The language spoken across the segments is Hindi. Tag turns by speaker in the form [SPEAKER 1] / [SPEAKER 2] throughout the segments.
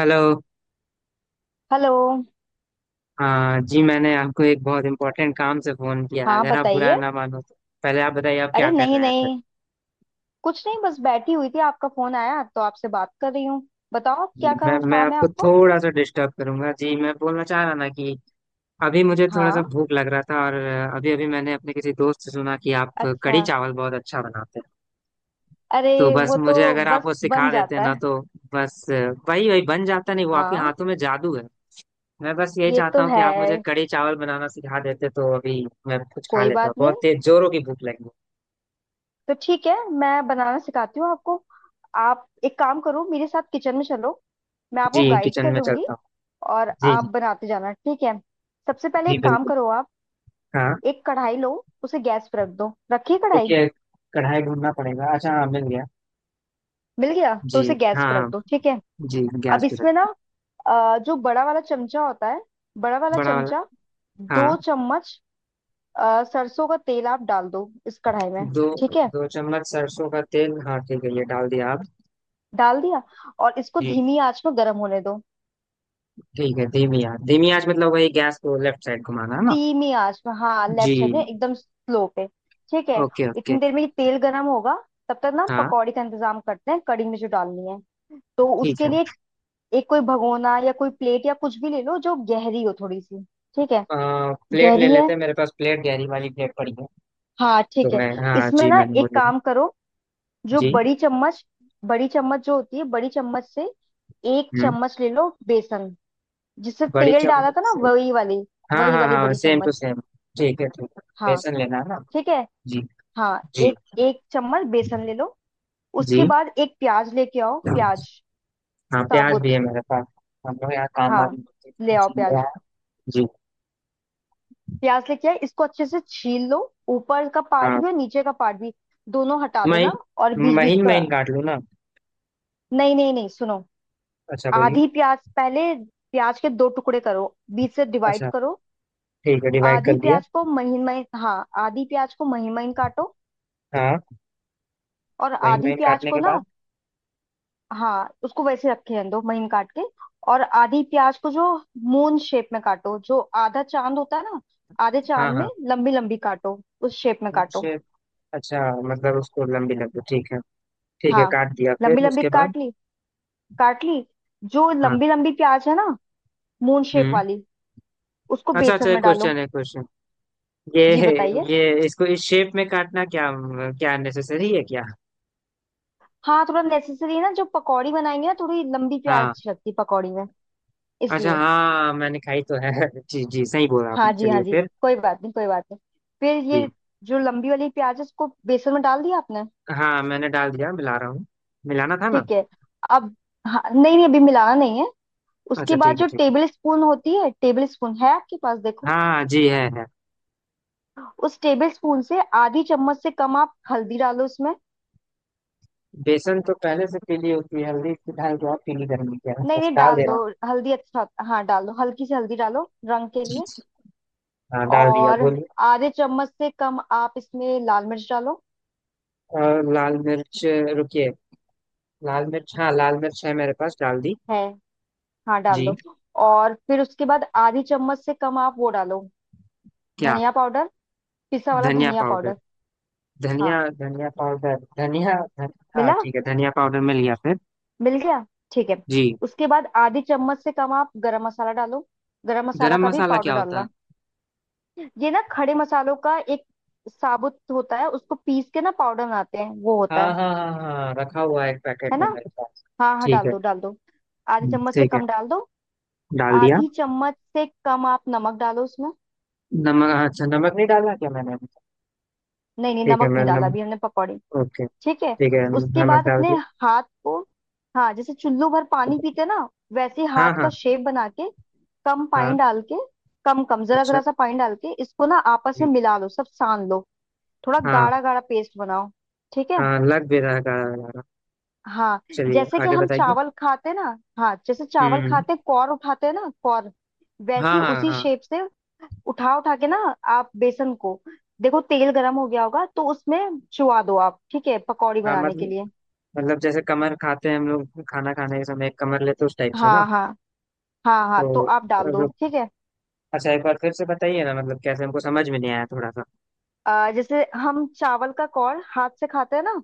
[SPEAKER 1] हेलो।
[SPEAKER 2] हेलो।
[SPEAKER 1] हाँ जी, मैंने आपको एक बहुत इम्पोर्टेंट काम से फ़ोन किया है,
[SPEAKER 2] हाँ,
[SPEAKER 1] अगर आप बुरा
[SPEAKER 2] बताइए।
[SPEAKER 1] ना मानो तो पहले आप बताइए आप क्या
[SPEAKER 2] अरे,
[SPEAKER 1] कर
[SPEAKER 2] नहीं
[SPEAKER 1] रहे हैं फिर।
[SPEAKER 2] नहीं, कुछ नहीं, बस बैठी हुई थी, आपका फोन आया तो आपसे बात कर रही हूँ। बताओ
[SPEAKER 1] जी,
[SPEAKER 2] क्या
[SPEAKER 1] मैं
[SPEAKER 2] काम
[SPEAKER 1] मैं
[SPEAKER 2] काम है
[SPEAKER 1] आपको
[SPEAKER 2] आपको?
[SPEAKER 1] थोड़ा सा डिस्टर्ब करूंगा जी, मैं बोलना चाह रहा ना कि अभी मुझे थोड़ा सा
[SPEAKER 2] हाँ।
[SPEAKER 1] भूख लग रहा था, और अभी अभी मैंने अपने किसी दोस्त से सुना कि आप
[SPEAKER 2] अच्छा।
[SPEAKER 1] कढ़ी चावल बहुत अच्छा बनाते हैं। तो
[SPEAKER 2] अरे,
[SPEAKER 1] बस
[SPEAKER 2] वो तो
[SPEAKER 1] मुझे अगर आप
[SPEAKER 2] बस
[SPEAKER 1] वो
[SPEAKER 2] बन
[SPEAKER 1] सिखा देते
[SPEAKER 2] जाता
[SPEAKER 1] ना
[SPEAKER 2] है।
[SPEAKER 1] तो। बस, वही वही बन जाता नहीं, वो आपके
[SPEAKER 2] हाँ,
[SPEAKER 1] हाथों में जादू है। मैं बस यही
[SPEAKER 2] ये
[SPEAKER 1] चाहता
[SPEAKER 2] तो
[SPEAKER 1] हूँ कि आप मुझे
[SPEAKER 2] है।
[SPEAKER 1] कढ़ी चावल बनाना सिखा देते तो अभी मैं कुछ खा
[SPEAKER 2] कोई
[SPEAKER 1] लेता,
[SPEAKER 2] बात
[SPEAKER 1] बहुत
[SPEAKER 2] नहीं।
[SPEAKER 1] तेज जोरों की भूख लगी है।
[SPEAKER 2] तो ठीक है, मैं बनाना सिखाती हूँ आपको। आप एक काम करो, मेरे साथ किचन में चलो, मैं आपको
[SPEAKER 1] जी,
[SPEAKER 2] गाइड
[SPEAKER 1] किचन में
[SPEAKER 2] करूंगी,
[SPEAKER 1] चलता हूँ।
[SPEAKER 2] और
[SPEAKER 1] जी
[SPEAKER 2] आप
[SPEAKER 1] जी।
[SPEAKER 2] बनाते जाना, ठीक है। सबसे पहले
[SPEAKER 1] जी
[SPEAKER 2] एक काम
[SPEAKER 1] बिल्कुल।
[SPEAKER 2] करो आप,
[SPEAKER 1] हाँ।
[SPEAKER 2] एक कढ़ाई लो, उसे गैस पर रख दो, रखिए
[SPEAKER 1] तो
[SPEAKER 2] कढ़ाई।
[SPEAKER 1] क्या कढ़ाई ढूंढना पड़ेगा? अच्छा, हाँ मिल गया।
[SPEAKER 2] मिल गया? तो
[SPEAKER 1] जी।
[SPEAKER 2] उसे गैस पर रख
[SPEAKER 1] हाँ।
[SPEAKER 2] दो, ठीक है।
[SPEAKER 1] जी। गैस
[SPEAKER 2] अब
[SPEAKER 1] पे
[SPEAKER 2] इसमें ना,
[SPEAKER 1] रखिए।
[SPEAKER 2] जो बड़ा वाला चमचा होता है, बड़ा वाला
[SPEAKER 1] बड़ा वाला।
[SPEAKER 2] चमचा,
[SPEAKER 1] हाँ।
[SPEAKER 2] दो चम्मच सरसों का तेल आप डाल दो इस कढ़ाई में।
[SPEAKER 1] दो।
[SPEAKER 2] ठीक है।
[SPEAKER 1] 2 चम्मच सरसों का तेल, हाँ ठीक है, ये डाल दिया आप।
[SPEAKER 2] डाल दिया, और इसको
[SPEAKER 1] जी।
[SPEAKER 2] धीमी आंच में गर्म होने दो।
[SPEAKER 1] ठीक है, धीमी आंच, धीमी आंच मतलब वही गैस को लेफ्ट साइड घुमाना है ना?
[SPEAKER 2] धीमी आंच में, हाँ,
[SPEAKER 1] जी।
[SPEAKER 2] लेफ्ट साइड में एकदम स्लो पे। ठीक है।
[SPEAKER 1] Okay okay.
[SPEAKER 2] इतनी देर में ये तेल गर्म होगा, तब तक ना
[SPEAKER 1] हाँ
[SPEAKER 2] पकौड़ी का इंतजाम करते हैं, कड़ी में जो डालनी है। तो
[SPEAKER 1] ठीक
[SPEAKER 2] उसके
[SPEAKER 1] है।
[SPEAKER 2] लिए एक कोई भगोना या कोई प्लेट या कुछ भी ले लो जो गहरी हो थोड़ी सी। ठीक है।
[SPEAKER 1] प्लेट ले
[SPEAKER 2] गहरी
[SPEAKER 1] लेते
[SPEAKER 2] है?
[SPEAKER 1] हैं, मेरे पास प्लेट, गहरी वाली प्लेट पड़ी है।
[SPEAKER 2] हाँ,
[SPEAKER 1] तो
[SPEAKER 2] ठीक है।
[SPEAKER 1] मैं, हाँ
[SPEAKER 2] इसमें
[SPEAKER 1] जी,
[SPEAKER 2] ना
[SPEAKER 1] मैंने वो
[SPEAKER 2] एक
[SPEAKER 1] ले ली।
[SPEAKER 2] काम करो, जो
[SPEAKER 1] जी।
[SPEAKER 2] बड़ी चम्मच, बड़ी चम्मच जो होती है, बड़ी चम्मच से एक
[SPEAKER 1] हम्म।
[SPEAKER 2] चम्मच ले लो बेसन। जिससे
[SPEAKER 1] बड़ी
[SPEAKER 2] तेल डाला
[SPEAKER 1] चम्मच
[SPEAKER 2] था ना,
[SPEAKER 1] से।
[SPEAKER 2] वही वाली,
[SPEAKER 1] हाँ
[SPEAKER 2] वही
[SPEAKER 1] हाँ
[SPEAKER 2] वाली
[SPEAKER 1] हाँ,
[SPEAKER 2] बड़ी
[SPEAKER 1] सेम टू
[SPEAKER 2] चम्मच।
[SPEAKER 1] सेम। ठीक है, ठीक है।
[SPEAKER 2] हाँ,
[SPEAKER 1] बेसन लेना है ना?
[SPEAKER 2] ठीक है।
[SPEAKER 1] जी।
[SPEAKER 2] हाँ,
[SPEAKER 1] जी।
[SPEAKER 2] एक एक चम्मच बेसन ले लो। उसके
[SPEAKER 1] जी
[SPEAKER 2] बाद एक प्याज लेके आओ, प्याज,
[SPEAKER 1] हाँ, प्याज भी
[SPEAKER 2] साबुत।
[SPEAKER 1] है मेरे पास, हम लोग यहाँ काम
[SPEAKER 2] हाँ,
[SPEAKER 1] वाली
[SPEAKER 2] ले आओ
[SPEAKER 1] चल रहा
[SPEAKER 2] प्याज।
[SPEAKER 1] है। जी।
[SPEAKER 2] प्याज लेके आए, इसको अच्छे से छील लो, ऊपर का पार्ट
[SPEAKER 1] हाँ।
[SPEAKER 2] भी और नीचे का पार्ट भी, दोनों हटा देना। और
[SPEAKER 1] महीन,
[SPEAKER 2] बीच बीच
[SPEAKER 1] महीन
[SPEAKER 2] का,
[SPEAKER 1] महीन काट लूँ ना?
[SPEAKER 2] नहीं नहीं नहीं, सुनो।
[SPEAKER 1] अच्छा, बोलिए।
[SPEAKER 2] आधी प्याज पहले, प्याज के दो टुकड़े करो, बीच से डिवाइड
[SPEAKER 1] अच्छा
[SPEAKER 2] करो।
[SPEAKER 1] ठीक है, डिवाइड
[SPEAKER 2] आधी
[SPEAKER 1] कर दिया।
[SPEAKER 2] प्याज को महीन महीन, हाँ, आधी प्याज को महीन महीन काटो,
[SPEAKER 1] हाँ,
[SPEAKER 2] और
[SPEAKER 1] महीन
[SPEAKER 2] आधी
[SPEAKER 1] महीन
[SPEAKER 2] प्याज
[SPEAKER 1] काटने
[SPEAKER 2] को
[SPEAKER 1] के
[SPEAKER 2] ना,
[SPEAKER 1] बाद।
[SPEAKER 2] हाँ, उसको वैसे रखे रहने दो महीन काट के, और आधी प्याज को जो मून शेप में काटो, जो आधा चांद होता है ना, आधे
[SPEAKER 1] हाँ
[SPEAKER 2] चांद में
[SPEAKER 1] हाँ।
[SPEAKER 2] लंबी लंबी काटो, उस शेप में काटो।
[SPEAKER 1] उनसे। अच्छा, मतलब उसको लंबी लंबी, ठीक है। ठीक है,
[SPEAKER 2] हाँ,
[SPEAKER 1] काट दिया,
[SPEAKER 2] लंबी
[SPEAKER 1] फिर
[SPEAKER 2] लंबी
[SPEAKER 1] उसके बाद?
[SPEAKER 2] काट ली, काट ली। जो
[SPEAKER 1] हाँ।
[SPEAKER 2] लंबी लंबी प्याज है ना, मून शेप
[SPEAKER 1] हम्म।
[SPEAKER 2] वाली, उसको
[SPEAKER 1] अच्छा अच्छा,
[SPEAKER 2] बेसन
[SPEAKER 1] एक
[SPEAKER 2] में डालो।
[SPEAKER 1] क्वेश्चन है, क्वेश्चन। ये
[SPEAKER 2] जी बताइए।
[SPEAKER 1] ये इसको इस शेप में काटना क्या, क्या नेसेसरी है क्या?
[SPEAKER 2] हाँ थोड़ा नेसेसरी है ना, जो पकौड़ी बनाएंगे ना, थोड़ी लंबी प्याज
[SPEAKER 1] हाँ।
[SPEAKER 2] अच्छी लगती है पकौड़ी में,
[SPEAKER 1] अच्छा,
[SPEAKER 2] इसलिए।
[SPEAKER 1] हाँ मैंने खाई तो है जी जी, सही बोला आपने,
[SPEAKER 2] हाँ जी, हाँ
[SPEAKER 1] चलिए
[SPEAKER 2] जी,
[SPEAKER 1] फिर।
[SPEAKER 2] कोई बात नहीं, कोई बात नहीं। फिर
[SPEAKER 1] जी।
[SPEAKER 2] ये, जो लंबी वाली प्याज है उसको बेसन में डाल दिया आपने।
[SPEAKER 1] हाँ, मैंने डाल दिया, मिला रहा हूँ। मिलाना था ना?
[SPEAKER 2] ठीक है। अब, हाँ नहीं नहीं, अभी मिलाना नहीं है। उसके
[SPEAKER 1] अच्छा,
[SPEAKER 2] बाद
[SPEAKER 1] ठीक है
[SPEAKER 2] जो
[SPEAKER 1] ठीक है।
[SPEAKER 2] टेबल स्पून होती है, टेबल स्पून है आपके पास? देखो,
[SPEAKER 1] हाँ जी, है है।
[SPEAKER 2] उस टेबल स्पून से आधी चम्मच से कम आप हल्दी डालो उसमें।
[SPEAKER 1] बेसन तो पहले से पीली होती है, हल्दी की डाल के और पीली करनी क्या है,
[SPEAKER 2] नहीं
[SPEAKER 1] बस
[SPEAKER 2] नहीं,
[SPEAKER 1] डाल
[SPEAKER 2] डाल
[SPEAKER 1] दे
[SPEAKER 2] दो
[SPEAKER 1] रहा हूँ।
[SPEAKER 2] हल्दी, हाँ डाल दो, हल्की सी हल्दी डालो, रंग के
[SPEAKER 1] जी,
[SPEAKER 2] लिए।
[SPEAKER 1] जी। हाँ, डाल दिया,
[SPEAKER 2] और
[SPEAKER 1] बोलिए।
[SPEAKER 2] आधे चम्मच से कम आप इसमें लाल मिर्च डालो।
[SPEAKER 1] और लाल मिर्च। रुकिए। लाल मिर्च, हाँ, लाल मिर्च है मेरे पास, डाल दी।
[SPEAKER 2] है? हाँ डाल
[SPEAKER 1] जी।
[SPEAKER 2] दो। और फिर उसके बाद आधी चम्मच से कम आप वो डालो,
[SPEAKER 1] क्या?
[SPEAKER 2] धनिया पाउडर, पिसा वाला
[SPEAKER 1] धनिया
[SPEAKER 2] धनिया
[SPEAKER 1] पाउडर।
[SPEAKER 2] पाउडर।
[SPEAKER 1] धनिया,
[SPEAKER 2] हाँ
[SPEAKER 1] धनिया पाउडर, धनिया। हाँ
[SPEAKER 2] मिला
[SPEAKER 1] ठीक है, धनिया पाउडर मिल गया, फिर?
[SPEAKER 2] मिल गया। ठीक है।
[SPEAKER 1] जी।
[SPEAKER 2] उसके बाद आधी चम्मच से कम आप गरम मसाला डालो, गरम मसाला
[SPEAKER 1] गरम
[SPEAKER 2] का भी
[SPEAKER 1] मसाला
[SPEAKER 2] पाउडर
[SPEAKER 1] क्या होता है?
[SPEAKER 2] डालना। ये ना खड़े मसालों का एक साबुत होता है, उसको पीस के ना पाउडर बनाते हैं, वो होता
[SPEAKER 1] हाँ
[SPEAKER 2] है।
[SPEAKER 1] हाँ हाँ हाँ, रखा हुआ है एक पैकेट
[SPEAKER 2] है
[SPEAKER 1] में
[SPEAKER 2] ना?
[SPEAKER 1] मेरे पास।
[SPEAKER 2] हाँ हाँ,
[SPEAKER 1] ठीक
[SPEAKER 2] डाल
[SPEAKER 1] है।
[SPEAKER 2] दो डाल दो, आधी चम्मच से
[SPEAKER 1] ठीक है,
[SPEAKER 2] कम डाल दो।
[SPEAKER 1] डाल दिया।
[SPEAKER 2] आधी चम्मच से कम आप नमक डालो उसमें।
[SPEAKER 1] नमक? अच्छा, नमक नहीं डाला क्या मैंने अभी तक?
[SPEAKER 2] नहीं नहीं,
[SPEAKER 1] ठीक है,
[SPEAKER 2] नमक
[SPEAKER 1] मैं
[SPEAKER 2] नहीं डाला
[SPEAKER 1] नमक।
[SPEAKER 2] अभी हमने पकौड़े।
[SPEAKER 1] ओके।
[SPEAKER 2] ठीक है।
[SPEAKER 1] ठीक है,
[SPEAKER 2] उसके
[SPEAKER 1] नमक
[SPEAKER 2] बाद
[SPEAKER 1] डाल
[SPEAKER 2] अपने
[SPEAKER 1] दिया।
[SPEAKER 2] हाथ को, हाँ जैसे चुल्लू भर पानी पीते ना वैसे हाथ
[SPEAKER 1] हाँ
[SPEAKER 2] का
[SPEAKER 1] हाँ
[SPEAKER 2] शेप बना के, कम पानी
[SPEAKER 1] हाँ।
[SPEAKER 2] डाल के, कम कम जरा
[SPEAKER 1] अच्छा।
[SPEAKER 2] जरा सा पानी डाल के इसको ना आपस में
[SPEAKER 1] जी।
[SPEAKER 2] मिला लो, सब सान लो, थोड़ा
[SPEAKER 1] हाँ
[SPEAKER 2] गाढ़ा गाढ़ा पेस्ट बनाओ। ठीक है।
[SPEAKER 1] हाँ, लग भी रहा है गाढ़ा गाढ़ा।
[SPEAKER 2] हाँ,
[SPEAKER 1] चलिए,
[SPEAKER 2] जैसे कि
[SPEAKER 1] आगे
[SPEAKER 2] हम
[SPEAKER 1] बताइए।
[SPEAKER 2] चावल खाते ना, हाँ जैसे चावल
[SPEAKER 1] हम्म।
[SPEAKER 2] खाते कौर उठाते ना, कौर,
[SPEAKER 1] हाँ
[SPEAKER 2] वैसी
[SPEAKER 1] हाँ
[SPEAKER 2] उसी
[SPEAKER 1] हाँ
[SPEAKER 2] शेप से उठा उठा के ना आप बेसन को, देखो तेल गरम हो गया होगा, तो उसमें चुवा दो आप, ठीक है पकौड़ी
[SPEAKER 1] हाँ।
[SPEAKER 2] बनाने के
[SPEAKER 1] मतलब।
[SPEAKER 2] लिए।
[SPEAKER 1] मतलब जैसे कमर खाते हैं हम लोग खाना खाने के समय, एक कमर लेते हैं, उस टाइप से ना?
[SPEAKER 2] हाँ हाँ हाँ हाँ,
[SPEAKER 1] तो
[SPEAKER 2] तो आप डाल दो,
[SPEAKER 1] अब-
[SPEAKER 2] ठीक है।
[SPEAKER 1] अच्छा, एक बार फिर से बताइए ना, मतलब कैसे, हमको समझ में नहीं आया थोड़ा सा।
[SPEAKER 2] जैसे हम चावल का कौर हाथ से खाते हैं ना,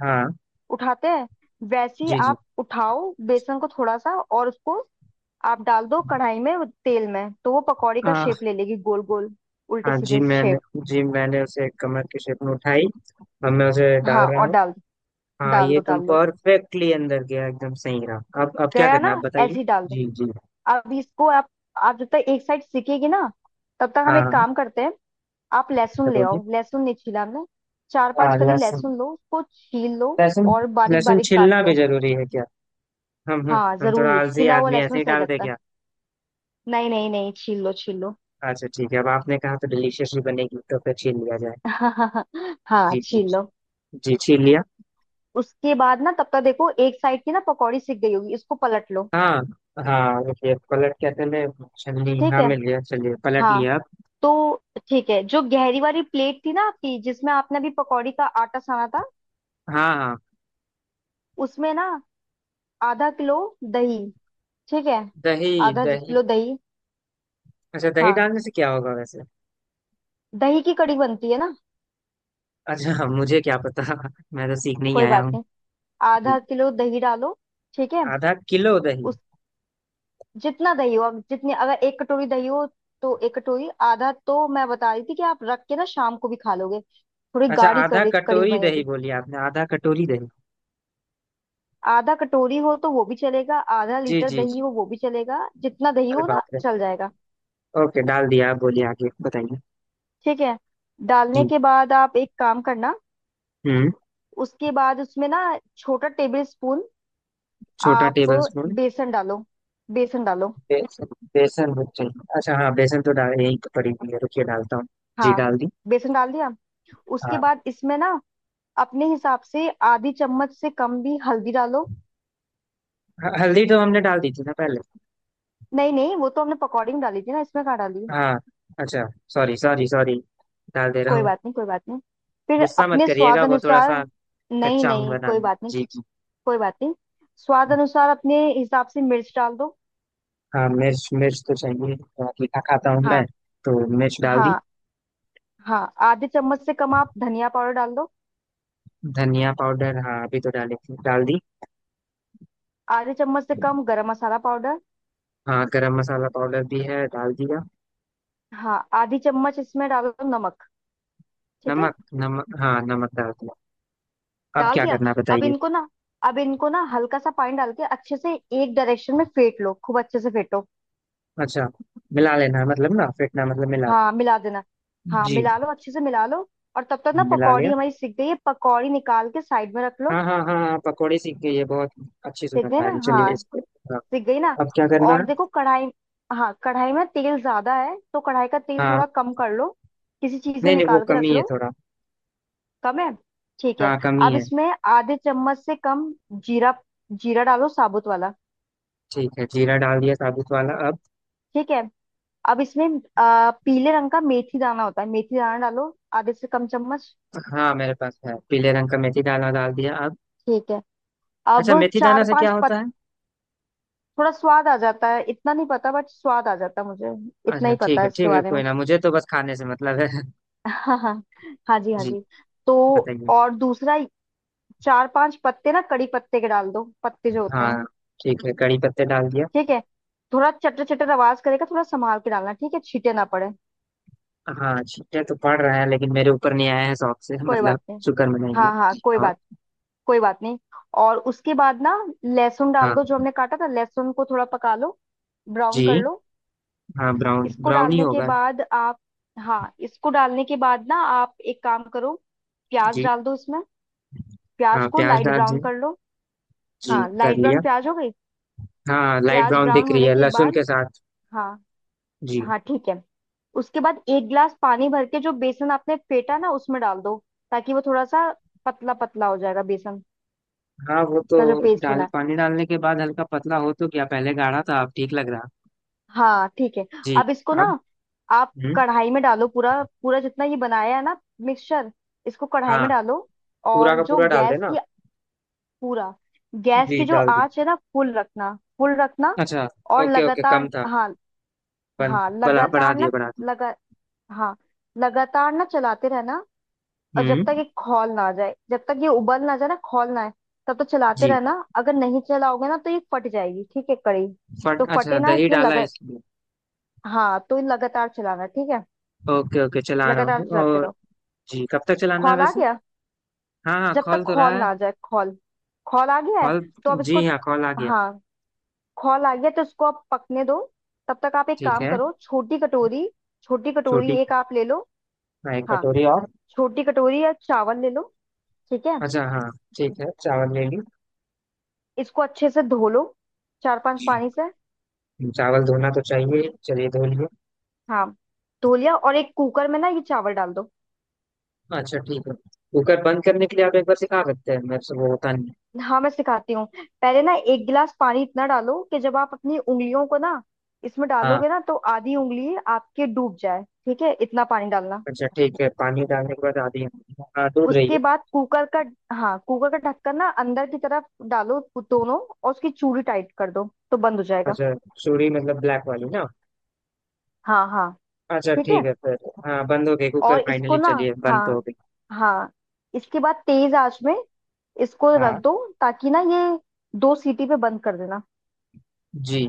[SPEAKER 1] हाँ।
[SPEAKER 2] उठाते हैं, वैसे ही
[SPEAKER 1] जी जी।
[SPEAKER 2] आप उठाओ बेसन को थोड़ा सा, और उसको आप डाल दो कढ़ाई में तेल में, तो वो पकौड़ी का
[SPEAKER 1] हाँ
[SPEAKER 2] शेप ले लेगी, गोल गोल उल्टे
[SPEAKER 1] हाँ। जी
[SPEAKER 2] सीधे
[SPEAKER 1] मैंने।
[SPEAKER 2] शेप।
[SPEAKER 1] जी, मैंने उसे कमर की शेप में उठाई, अब मैं उसे डाल
[SPEAKER 2] हाँ
[SPEAKER 1] रहा
[SPEAKER 2] और
[SPEAKER 1] हूँ।
[SPEAKER 2] डाल दो,
[SPEAKER 1] हाँ,
[SPEAKER 2] डाल
[SPEAKER 1] ये
[SPEAKER 2] दो
[SPEAKER 1] एकदम
[SPEAKER 2] डाल दो,
[SPEAKER 1] परफेक्टली अंदर गया, एकदम सही रहा। अब क्या
[SPEAKER 2] गया
[SPEAKER 1] करना है आप
[SPEAKER 2] ना,
[SPEAKER 1] बताइए।
[SPEAKER 2] ऐसे ही डाल दो।
[SPEAKER 1] जी जी।
[SPEAKER 2] अब इसको आप जब तक एक साइड सीखेगी ना, तब तक हम
[SPEAKER 1] हाँ
[SPEAKER 2] एक
[SPEAKER 1] हाँ।
[SPEAKER 2] काम करते हैं। आप
[SPEAKER 1] अच्छा,
[SPEAKER 2] लहसुन ले
[SPEAKER 1] बोलिए।
[SPEAKER 2] आओ, लहसुन नहीं छीला हमने। चार पांच
[SPEAKER 1] हाँ,
[SPEAKER 2] कली
[SPEAKER 1] लहसुन।
[SPEAKER 2] लहसुन लो, उसको छील लो,
[SPEAKER 1] लहसुन।
[SPEAKER 2] और बारीक
[SPEAKER 1] लहसुन
[SPEAKER 2] बारीक काट
[SPEAKER 1] छिलना भी
[SPEAKER 2] लो।
[SPEAKER 1] जरूरी है क्या? हम हम
[SPEAKER 2] हाँ
[SPEAKER 1] हम थोड़ा
[SPEAKER 2] जरूरी,
[SPEAKER 1] आलसी
[SPEAKER 2] छिला हुआ
[SPEAKER 1] आदमी, ऐसे
[SPEAKER 2] लहसुन
[SPEAKER 1] ही
[SPEAKER 2] सही
[SPEAKER 1] डाल दे
[SPEAKER 2] रहता है।
[SPEAKER 1] क्या?
[SPEAKER 2] नहीं नहीं नहीं, छील लो छील लो।
[SPEAKER 1] अच्छा ठीक है, अब आपने कहा तो डिलीशियस ही बनेगी, तो फिर छील लिया जाए।
[SPEAKER 2] हाँ
[SPEAKER 1] जी जी।
[SPEAKER 2] छील लो।
[SPEAKER 1] जी, छील लिया।
[SPEAKER 2] उसके बाद ना, तब तक देखो एक साइड की ना पकौड़ी सिक गई होगी, इसको पलट लो।
[SPEAKER 1] हाँ हाँ, देखिए पलट, क्या चले? छलनी,
[SPEAKER 2] ठीक
[SPEAKER 1] हाँ
[SPEAKER 2] है।
[SPEAKER 1] मिल गया, चलिए पलट
[SPEAKER 2] हाँ
[SPEAKER 1] लिया अब।
[SPEAKER 2] तो ठीक है, जो गहरी वाली प्लेट थी ना आपकी, जिसमें आपने अभी पकौड़ी का आटा साना था,
[SPEAKER 1] हाँ हाँ।
[SPEAKER 2] उसमें ना आधा किलो दही, ठीक है,
[SPEAKER 1] दही,
[SPEAKER 2] आधा
[SPEAKER 1] दही।
[SPEAKER 2] किलो दही।
[SPEAKER 1] अच्छा, दही
[SPEAKER 2] हाँ,
[SPEAKER 1] डालने से क्या होगा वैसे?
[SPEAKER 2] दही की कड़ी बनती है ना।
[SPEAKER 1] अच्छा, मुझे क्या पता मैं तो सीखने ही
[SPEAKER 2] कोई
[SPEAKER 1] आया
[SPEAKER 2] बात
[SPEAKER 1] हूँ।
[SPEAKER 2] नहीं। आधा
[SPEAKER 1] जी।
[SPEAKER 2] किलो दही डालो। ठीक है।
[SPEAKER 1] आधा किलो दही।
[SPEAKER 2] जितना दही हो, अब जितनी, अगर एक कटोरी दही हो तो एक कटोरी, आधा तो मैं बता रही थी कि आप रख के ना शाम को भी खा लोगे, थोड़ी
[SPEAKER 1] अच्छा,
[SPEAKER 2] गाढ़ी
[SPEAKER 1] आधा
[SPEAKER 2] करी कड़ी
[SPEAKER 1] कटोरी दही
[SPEAKER 2] बनेगी।
[SPEAKER 1] बोली आपने, आधा कटोरी दही।
[SPEAKER 2] आधा कटोरी हो तो वो भी चलेगा, आधा
[SPEAKER 1] जी
[SPEAKER 2] लीटर
[SPEAKER 1] जी
[SPEAKER 2] दही
[SPEAKER 1] जी,
[SPEAKER 2] हो वो भी चलेगा, जितना दही
[SPEAKER 1] अरे
[SPEAKER 2] हो
[SPEAKER 1] बाप
[SPEAKER 2] ना
[SPEAKER 1] रे।
[SPEAKER 2] चल जाएगा।
[SPEAKER 1] ओके, डाल दिया, आप बोलिए, आगे बताइए।
[SPEAKER 2] ठीक है।
[SPEAKER 1] जी।
[SPEAKER 2] डालने के बाद आप एक काम करना।
[SPEAKER 1] हम्म।
[SPEAKER 2] उसके बाद उसमें ना, छोटा टेबल स्पून
[SPEAKER 1] छोटा
[SPEAKER 2] आप
[SPEAKER 1] टेबल स्पून।
[SPEAKER 2] बेसन डालो, बेसन डालो।
[SPEAKER 1] बेसन। बेसन भी चाहिए? अच्छा हाँ, बेसन तो डाल, यही तो पड़ी हुई है, रुकिए डालता हूँ। जी,
[SPEAKER 2] हाँ,
[SPEAKER 1] डाल दी।
[SPEAKER 2] बेसन डाल दिया। उसके
[SPEAKER 1] हाँ।
[SPEAKER 2] बाद इसमें ना अपने हिसाब से आधी चम्मच से कम भी हल्दी डालो।
[SPEAKER 1] हल्दी तो हमने डाल दी थी ना पहले?
[SPEAKER 2] नहीं नहीं, वो तो हमने पकौड़ी में डाली थी ना, इसमें कहाँ डाली?
[SPEAKER 1] हाँ। अच्छा। सॉरी सॉरी सॉरी, डाल दे रहा
[SPEAKER 2] कोई
[SPEAKER 1] हूँ।
[SPEAKER 2] बात नहीं, कोई बात नहीं। फिर
[SPEAKER 1] गुस्सा मत
[SPEAKER 2] अपने
[SPEAKER 1] करिएगा,
[SPEAKER 2] स्वाद
[SPEAKER 1] वो थोड़ा
[SPEAKER 2] अनुसार,
[SPEAKER 1] सा
[SPEAKER 2] नहीं
[SPEAKER 1] कच्चा हूँ
[SPEAKER 2] नहीं कोई
[SPEAKER 1] बनाने में।
[SPEAKER 2] बात नहीं,
[SPEAKER 1] जी जी।
[SPEAKER 2] कोई बात नहीं। स्वाद अनुसार, अपने हिसाब से मिर्च डाल दो।
[SPEAKER 1] हाँ, मिर्च, मिर्च तो चाहिए, थोड़ा तीखा खाता हूँ मैं,
[SPEAKER 2] हाँ
[SPEAKER 1] तो मिर्च डाल दी।
[SPEAKER 2] हाँ हाँ। आधे चम्मच से कम आप धनिया पाउडर डाल दो।
[SPEAKER 1] धनिया पाउडर, हाँ अभी तो डाली थी, डाल दी।
[SPEAKER 2] आधे चम्मच से कम गरम मसाला पाउडर।
[SPEAKER 1] हाँ, गरम मसाला पाउडर भी है, डाल दिया।
[SPEAKER 2] हाँ, आधी चम्मच इसमें डाल दो नमक। ठीक है।
[SPEAKER 1] नमक। नमक, हाँ नमक डाल दिया। अब
[SPEAKER 2] डाल
[SPEAKER 1] क्या
[SPEAKER 2] दिया।
[SPEAKER 1] करना है
[SPEAKER 2] अब
[SPEAKER 1] बताइए?
[SPEAKER 2] इनको ना, अब इनको ना हल्का सा पानी डाल के अच्छे से एक डायरेक्शन में फेंट लो, खूब अच्छे से फेंटो।
[SPEAKER 1] अच्छा। मिला लेना है मतलब ना, फेंटना मतलब मिला लेना।
[SPEAKER 2] हाँ मिला देना, हाँ
[SPEAKER 1] जी,
[SPEAKER 2] मिला लो, अच्छे से मिला लो। और तब तक ना
[SPEAKER 1] मिला लिया।
[SPEAKER 2] पकौड़ी हमारी सिक गई है, पकौड़ी निकाल के साइड में रख लो।
[SPEAKER 1] हाँ हाँ हाँ हाँ, पकौड़े सीख गई है बहुत, अच्छी
[SPEAKER 2] सिक
[SPEAKER 1] सुगंध
[SPEAKER 2] गई
[SPEAKER 1] आ
[SPEAKER 2] ना,
[SPEAKER 1] रही है। चलिए,
[SPEAKER 2] हाँ
[SPEAKER 1] इसको, हाँ।
[SPEAKER 2] सिक गई ना।
[SPEAKER 1] अब क्या करना
[SPEAKER 2] और देखो
[SPEAKER 1] है?
[SPEAKER 2] कढ़ाई, हाँ कढ़ाई में तेल ज्यादा है तो कढ़ाई का तेल
[SPEAKER 1] हाँ
[SPEAKER 2] थोड़ा कम कर लो, किसी चीज में
[SPEAKER 1] नहीं नहीं, वो
[SPEAKER 2] निकाल के रख
[SPEAKER 1] कमी है
[SPEAKER 2] लो।
[SPEAKER 1] थोड़ा।
[SPEAKER 2] कम है? ठीक है।
[SPEAKER 1] हाँ, कमी
[SPEAKER 2] अब
[SPEAKER 1] है।
[SPEAKER 2] इसमें आधे चम्मच से कम जीरा, जीरा डालो साबुत वाला।
[SPEAKER 1] ठीक है, जीरा डाल दिया, साबुत वाला, अब?
[SPEAKER 2] ठीक है। अब इसमें, पीले रंग का मेथी दाना होता है, मेथी दाना डालो आधे से कम चम्मच।
[SPEAKER 1] हाँ, मेरे पास है पीले रंग का मेथी, डाला, डाल दिया, अब?
[SPEAKER 2] ठीक है। अब
[SPEAKER 1] अच्छा, मेथी दाना
[SPEAKER 2] चार
[SPEAKER 1] से क्या
[SPEAKER 2] पांच
[SPEAKER 1] होता है?
[SPEAKER 2] थोड़ा स्वाद आ जाता है, इतना नहीं पता, बट स्वाद आ जाता है मुझे, इतना
[SPEAKER 1] अच्छा
[SPEAKER 2] ही
[SPEAKER 1] ठीक
[SPEAKER 2] पता
[SPEAKER 1] है
[SPEAKER 2] है इसके
[SPEAKER 1] ठीक है,
[SPEAKER 2] बारे में।
[SPEAKER 1] कोई ना, मुझे तो बस खाने से मतलब है
[SPEAKER 2] हाँ हाँ, हाँ जी हाँ
[SPEAKER 1] जी,
[SPEAKER 2] जी। तो
[SPEAKER 1] बताइए।
[SPEAKER 2] और दूसरा, चार पांच पत्ते ना कड़ी पत्ते के डाल दो, पत्ते जो होते हैं।
[SPEAKER 1] हाँ ठीक है, कड़ी पत्ते डाल दिया।
[SPEAKER 2] ठीक है। थोड़ा चटर चटर आवाज करेगा, थोड़ा संभाल के डालना ठीक है, छींटे ना पड़े।
[SPEAKER 1] हाँ, छींटे तो पड़ रहा है, लेकिन मेरे ऊपर नहीं आया है, शौक से
[SPEAKER 2] कोई बात
[SPEAKER 1] मतलब
[SPEAKER 2] नहीं,
[SPEAKER 1] शुक्र मनाइए
[SPEAKER 2] हाँ हाँ
[SPEAKER 1] जी,
[SPEAKER 2] कोई
[SPEAKER 1] और?
[SPEAKER 2] बात, कोई बात नहीं। और उसके बाद ना लहसुन डाल दो, जो
[SPEAKER 1] हाँ।
[SPEAKER 2] हमने काटा था लहसुन को थोड़ा पका लो, ब्राउन कर
[SPEAKER 1] जी।
[SPEAKER 2] लो।
[SPEAKER 1] हाँ, ब्राउन,
[SPEAKER 2] इसको
[SPEAKER 1] ब्राउन ही
[SPEAKER 2] डालने के
[SPEAKER 1] होगा।
[SPEAKER 2] बाद आप, हाँ इसको डालने के बाद ना आप एक काम करो, प्याज
[SPEAKER 1] जी,
[SPEAKER 2] डाल दो इसमें, प्याज
[SPEAKER 1] हाँ
[SPEAKER 2] को
[SPEAKER 1] प्याज
[SPEAKER 2] लाइट
[SPEAKER 1] डाल
[SPEAKER 2] ब्राउन
[SPEAKER 1] दिए।
[SPEAKER 2] कर लो।
[SPEAKER 1] जी,
[SPEAKER 2] हाँ,
[SPEAKER 1] कर
[SPEAKER 2] लाइट ब्राउन
[SPEAKER 1] लिया।
[SPEAKER 2] प्याज हो गई।
[SPEAKER 1] हाँ, लाइट
[SPEAKER 2] प्याज
[SPEAKER 1] ब्राउन
[SPEAKER 2] ब्राउन
[SPEAKER 1] दिख रही
[SPEAKER 2] होने
[SPEAKER 1] है
[SPEAKER 2] के
[SPEAKER 1] लहसुन
[SPEAKER 2] बाद,
[SPEAKER 1] के साथ।
[SPEAKER 2] हाँ
[SPEAKER 1] जी।
[SPEAKER 2] हाँ ठीक है, उसके बाद एक गिलास पानी भर के जो बेसन आपने फेटा ना उसमें डाल दो, ताकि वो थोड़ा सा पतला पतला हो जाएगा, बेसन
[SPEAKER 1] हाँ, वो तो
[SPEAKER 2] का जो पेस्ट बना
[SPEAKER 1] डाल
[SPEAKER 2] है।
[SPEAKER 1] पानी डालने के बाद हल्का पतला हो, तो क्या पहले गाढ़ा था, अब ठीक लग रहा।
[SPEAKER 2] हाँ ठीक है।
[SPEAKER 1] जी।
[SPEAKER 2] अब इसको ना
[SPEAKER 1] अब।
[SPEAKER 2] आप
[SPEAKER 1] हम्म।
[SPEAKER 2] कढ़ाई में डालो, पूरा पूरा जितना ये बनाया है ना, मिक्सचर, इसको कढ़ाई
[SPEAKER 1] हाँ,
[SPEAKER 2] में डालो।
[SPEAKER 1] पूरा
[SPEAKER 2] और
[SPEAKER 1] का
[SPEAKER 2] जो
[SPEAKER 1] पूरा डाल
[SPEAKER 2] गैस
[SPEAKER 1] देना।
[SPEAKER 2] की पूरा, गैस
[SPEAKER 1] जी,
[SPEAKER 2] की जो
[SPEAKER 1] डाल दी।
[SPEAKER 2] आंच है ना, फुल रखना, फुल रखना।
[SPEAKER 1] अच्छा।
[SPEAKER 2] और
[SPEAKER 1] ओके ओके, कम
[SPEAKER 2] लगातार,
[SPEAKER 1] था।
[SPEAKER 2] हाँ,
[SPEAKER 1] बन
[SPEAKER 2] हाँ
[SPEAKER 1] बढ़ा बढ़ा
[SPEAKER 2] लगातार
[SPEAKER 1] दिए,
[SPEAKER 2] ना,
[SPEAKER 1] बढ़ा दिए।
[SPEAKER 2] लगा हाँ लगातार ना चलाते रहना, और जब तक
[SPEAKER 1] हम्म।
[SPEAKER 2] ये खौल ना आ जाए, जब तक ये उबल ना जाए ना, खौल ना आए, तब तक चलाते
[SPEAKER 1] जी,
[SPEAKER 2] रहना, अगर नहीं चलाओगे ना तो ये फट जाएगी, ठीक है कड़ी। तो
[SPEAKER 1] फट, अच्छा
[SPEAKER 2] फटे ना,
[SPEAKER 1] दही
[SPEAKER 2] इसलिए
[SPEAKER 1] डाला है
[SPEAKER 2] लगा
[SPEAKER 1] इसलिए।
[SPEAKER 2] हाँ, तो ये लगातार चलाना, ठीक है,
[SPEAKER 1] ओके ओके, चला रहा
[SPEAKER 2] लगातार
[SPEAKER 1] हूँ,
[SPEAKER 2] चलाते
[SPEAKER 1] और?
[SPEAKER 2] रहो।
[SPEAKER 1] जी, कब तक चलाना है
[SPEAKER 2] खौल आ
[SPEAKER 1] वैसे?
[SPEAKER 2] गया?
[SPEAKER 1] हाँ हाँ,
[SPEAKER 2] जब तक
[SPEAKER 1] कॉल तो
[SPEAKER 2] खौल
[SPEAKER 1] रहा
[SPEAKER 2] ना
[SPEAKER 1] है।
[SPEAKER 2] आ जाए, खौल खौल आ गया
[SPEAKER 1] कॉल।
[SPEAKER 2] है तो अब इसको,
[SPEAKER 1] जी, हाँ कॉल आ गया।
[SPEAKER 2] हाँ खौल आ गया तो उसको आप पकने दो। तब तक आप एक
[SPEAKER 1] ठीक
[SPEAKER 2] काम
[SPEAKER 1] है।
[SPEAKER 2] करो, छोटी कटोरी, छोटी कटोरी
[SPEAKER 1] रोटी।
[SPEAKER 2] एक आप ले लो।
[SPEAKER 1] हाँ, एक
[SPEAKER 2] हाँ
[SPEAKER 1] कटोरी और।
[SPEAKER 2] छोटी कटोरी या चावल ले लो। ठीक है।
[SPEAKER 1] अच्छा, हाँ ठीक है, चावल ले ली।
[SPEAKER 2] इसको अच्छे से धो लो, चार पांच
[SPEAKER 1] जी।
[SPEAKER 2] पानी से।
[SPEAKER 1] चावल धोना तो चाहिए ही। चलिए, धो लिए।
[SPEAKER 2] हाँ धो लिया, और एक कुकर में ना ये चावल डाल दो।
[SPEAKER 1] अच्छा ठीक है, कुकर बंद करने के लिए आप एक बार सिखा सकते हैं मेरे से, वो होता नहीं है।
[SPEAKER 2] हाँ मैं सिखाती हूँ। पहले ना एक गिलास पानी इतना डालो कि जब आप अपनी उंगलियों को ना इसमें
[SPEAKER 1] हाँ।
[SPEAKER 2] डालोगे ना, तो आधी उंगली आपके डूब जाए, ठीक है, इतना पानी डालना।
[SPEAKER 1] अच्छा ठीक है, पानी डालने के बाद आधी, हाँ डूब रही है।
[SPEAKER 2] उसके बाद कुकर का, हाँ कुकर का ढक्कन ना अंदर की तरफ डालो, दोनों, और उसकी चूड़ी टाइट कर दो तो बंद हो जाएगा।
[SPEAKER 1] अच्छा, चूड़ी मतलब ब्लैक वाली ना?
[SPEAKER 2] हाँ हाँ
[SPEAKER 1] अच्छा
[SPEAKER 2] ठीक है।
[SPEAKER 1] ठीक है, फिर? हाँ, बंद हो गई कुकर,
[SPEAKER 2] और इसको
[SPEAKER 1] फाइनली
[SPEAKER 2] ना,
[SPEAKER 1] चलिए, बंद तो हो
[SPEAKER 2] हाँ
[SPEAKER 1] गई।
[SPEAKER 2] हाँ, इसके बाद तेज आंच में इसको रख
[SPEAKER 1] हाँ।
[SPEAKER 2] दो, ताकि ना ये दो सीटी पे बंद कर देना,
[SPEAKER 1] जी।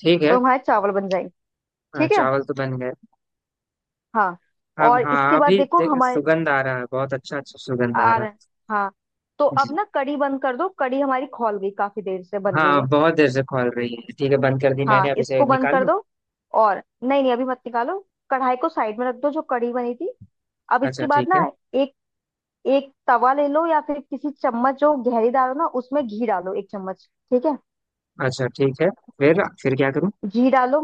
[SPEAKER 1] ठीक है।
[SPEAKER 2] तो हमारे चावल बन जाएंगे।
[SPEAKER 1] हाँ,
[SPEAKER 2] ठीक है।
[SPEAKER 1] चावल तो बन गए।
[SPEAKER 2] हाँ
[SPEAKER 1] अब
[SPEAKER 2] और इसके
[SPEAKER 1] हाँ,
[SPEAKER 2] बाद
[SPEAKER 1] अभी
[SPEAKER 2] देखो हमारे
[SPEAKER 1] सुगंध आ रहा है बहुत अच्छा, अच्छा सुगंध आ
[SPEAKER 2] आ
[SPEAKER 1] रहा
[SPEAKER 2] रहे, हाँ। तो
[SPEAKER 1] है
[SPEAKER 2] अब
[SPEAKER 1] जी।
[SPEAKER 2] ना कढ़ी बंद कर दो, कढ़ी हमारी खौल गई, काफी देर से बन रही
[SPEAKER 1] हाँ,
[SPEAKER 2] है।
[SPEAKER 1] बहुत देर से खोल रही है, ठीक है बंद कर दी मैंने,
[SPEAKER 2] हाँ,
[SPEAKER 1] अब इसे
[SPEAKER 2] इसको बंद
[SPEAKER 1] निकाल
[SPEAKER 2] कर
[SPEAKER 1] लूँ?
[SPEAKER 2] दो। और नहीं नहीं, अभी मत निकालो, कढ़ाई को साइड में रख दो जो कढ़ी बनी थी। अब
[SPEAKER 1] अच्छा
[SPEAKER 2] इसके बाद
[SPEAKER 1] ठीक
[SPEAKER 2] ना
[SPEAKER 1] है।
[SPEAKER 2] एक एक तवा ले लो, या फिर किसी चम्मच जो गहरीदार हो ना उसमें घी डालो, एक चम्मच। ठीक है।
[SPEAKER 1] अच्छा ठीक है, फिर क्या करूँ?
[SPEAKER 2] घी डालो।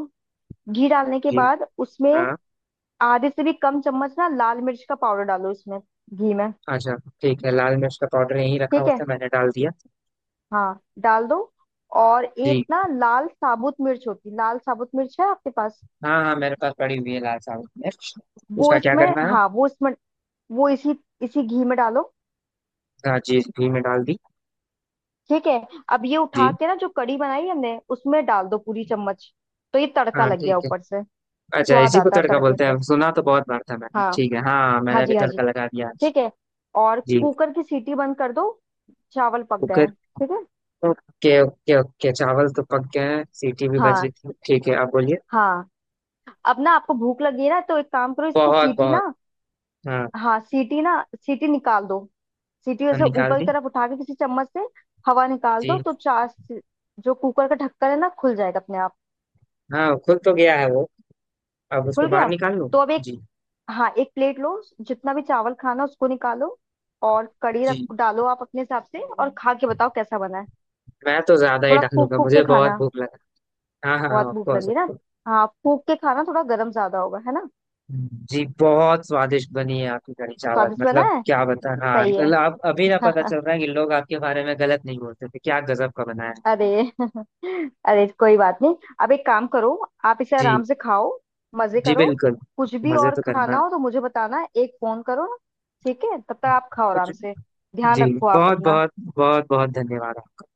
[SPEAKER 2] घी डालने के
[SPEAKER 1] जी।
[SPEAKER 2] बाद उसमें
[SPEAKER 1] हाँ।
[SPEAKER 2] आधे से भी कम चम्मच ना लाल मिर्च का पाउडर डालो, इसमें घी में।
[SPEAKER 1] अच्छा ठीक है, लाल मिर्च का पाउडर यहीं रखा
[SPEAKER 2] ठीक
[SPEAKER 1] हुआ
[SPEAKER 2] है,
[SPEAKER 1] था, मैंने डाल दिया।
[SPEAKER 2] हाँ डाल दो। और एक
[SPEAKER 1] जी।
[SPEAKER 2] ना लाल साबुत मिर्च होती, लाल साबुत मिर्च है आपके पास?
[SPEAKER 1] हाँ हाँ, मेरे पास पड़ी हुई है लाल साबुत मिर्च।
[SPEAKER 2] वो
[SPEAKER 1] उसका क्या
[SPEAKER 2] इसमें
[SPEAKER 1] करना है?
[SPEAKER 2] हाँ, वो इसमें वो इसी इसी घी में डालो।
[SPEAKER 1] हाँ, जी घी में डाल दी।
[SPEAKER 2] ठीक है। अब ये
[SPEAKER 1] जी।
[SPEAKER 2] उठा के ना जो कढ़ी बनाई हमने उसमें डाल दो पूरी चम्मच, तो ये तड़का
[SPEAKER 1] हाँ
[SPEAKER 2] लग गया
[SPEAKER 1] ठीक है।
[SPEAKER 2] ऊपर से,
[SPEAKER 1] अच्छा,
[SPEAKER 2] स्वाद
[SPEAKER 1] इसी को
[SPEAKER 2] आता है
[SPEAKER 1] तड़का
[SPEAKER 2] तड़के
[SPEAKER 1] बोलते
[SPEAKER 2] से।
[SPEAKER 1] हैं, सुना तो बहुत बार था मैंने।
[SPEAKER 2] हाँ
[SPEAKER 1] ठीक है, हाँ,
[SPEAKER 2] हाँ
[SPEAKER 1] मैंने भी
[SPEAKER 2] जी हाँ जी,
[SPEAKER 1] तड़का लगा दिया आज।
[SPEAKER 2] ठीक है। और
[SPEAKER 1] जी।
[SPEAKER 2] कुकर की सीटी बंद कर दो, चावल पक गए
[SPEAKER 1] कुकर।
[SPEAKER 2] हैं ठीक है।
[SPEAKER 1] ओके ओके ओके, चावल तो पक गए हैं, सीटी भी बज रही
[SPEAKER 2] हाँ
[SPEAKER 1] थी, ठीक है आप बोलिए।
[SPEAKER 2] हाँ। अब ना आपको भूख लगी है ना तो एक काम करो, इसकी
[SPEAKER 1] बहुत
[SPEAKER 2] सीटी
[SPEAKER 1] बहुत।
[SPEAKER 2] ना,
[SPEAKER 1] हाँ।
[SPEAKER 2] हाँ सीटी ना, सीटी निकाल दो, सीटी
[SPEAKER 1] हम
[SPEAKER 2] वैसे
[SPEAKER 1] निकाल
[SPEAKER 2] ऊपर की
[SPEAKER 1] दी।
[SPEAKER 2] तरफ उठा के किसी चम्मच से हवा निकाल
[SPEAKER 1] जी।
[SPEAKER 2] दो, तो चार, जो कुकर का ढक्कन है ना खुल जाएगा अपने आप।
[SPEAKER 1] हाँ, खुल तो गया है वो, अब उसको
[SPEAKER 2] खुल गया
[SPEAKER 1] बाहर निकाल लूं?
[SPEAKER 2] तो अब,
[SPEAKER 1] जी
[SPEAKER 2] हाँ एक प्लेट लो, जितना भी चावल खाना उसको निकालो, और कड़ी रख
[SPEAKER 1] जी।
[SPEAKER 2] डालो आप अपने हिसाब से, और खा के बताओ कैसा बना है।
[SPEAKER 1] मैं तो ज्यादा ही
[SPEAKER 2] थोड़ा फूक
[SPEAKER 1] डालूंगा,
[SPEAKER 2] फूक के
[SPEAKER 1] मुझे बहुत
[SPEAKER 2] खाना,
[SPEAKER 1] भूख लगा। हाँ हाँ,
[SPEAKER 2] बहुत
[SPEAKER 1] ऑफ
[SPEAKER 2] भूख
[SPEAKER 1] कोर्स।
[SPEAKER 2] लगी ना, हाँ फूक के खाना थोड़ा गर्म ज्यादा होगा है ना।
[SPEAKER 1] जी, बहुत स्वादिष्ट बनी है आपकी कढ़ी चावल,
[SPEAKER 2] स्वादिष्ट बना
[SPEAKER 1] मतलब
[SPEAKER 2] है।
[SPEAKER 1] क्या बता, हाँ
[SPEAKER 2] सही है।
[SPEAKER 1] मतलब आप, अभी ना पता चल रहा है कि लोग आपके बारे में गलत नहीं बोलते थे, क्या गजब का बनाया है।
[SPEAKER 2] अरे। अरे कोई बात नहीं। अब एक काम करो, आप इसे
[SPEAKER 1] जी
[SPEAKER 2] आराम से खाओ, मजे
[SPEAKER 1] जी
[SPEAKER 2] करो,
[SPEAKER 1] बिल्कुल।
[SPEAKER 2] कुछ भी
[SPEAKER 1] मजे
[SPEAKER 2] और
[SPEAKER 1] तो
[SPEAKER 2] खाना
[SPEAKER 1] करना।
[SPEAKER 2] हो तो मुझे बताना, एक फोन करो। ठीक है, तब तक आप खाओ
[SPEAKER 1] कुछ।
[SPEAKER 2] आराम से, ध्यान
[SPEAKER 1] जी,
[SPEAKER 2] रखो आप
[SPEAKER 1] बहुत
[SPEAKER 2] अपना।
[SPEAKER 1] बहुत, बहुत बहुत धन्यवाद आपका।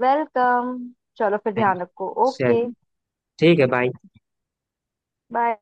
[SPEAKER 2] वेलकम। चलो फिर,
[SPEAKER 1] थैंक यू।
[SPEAKER 2] ध्यान रखो। ओके,
[SPEAKER 1] चलिए। ठीक है, बाय।
[SPEAKER 2] बाय।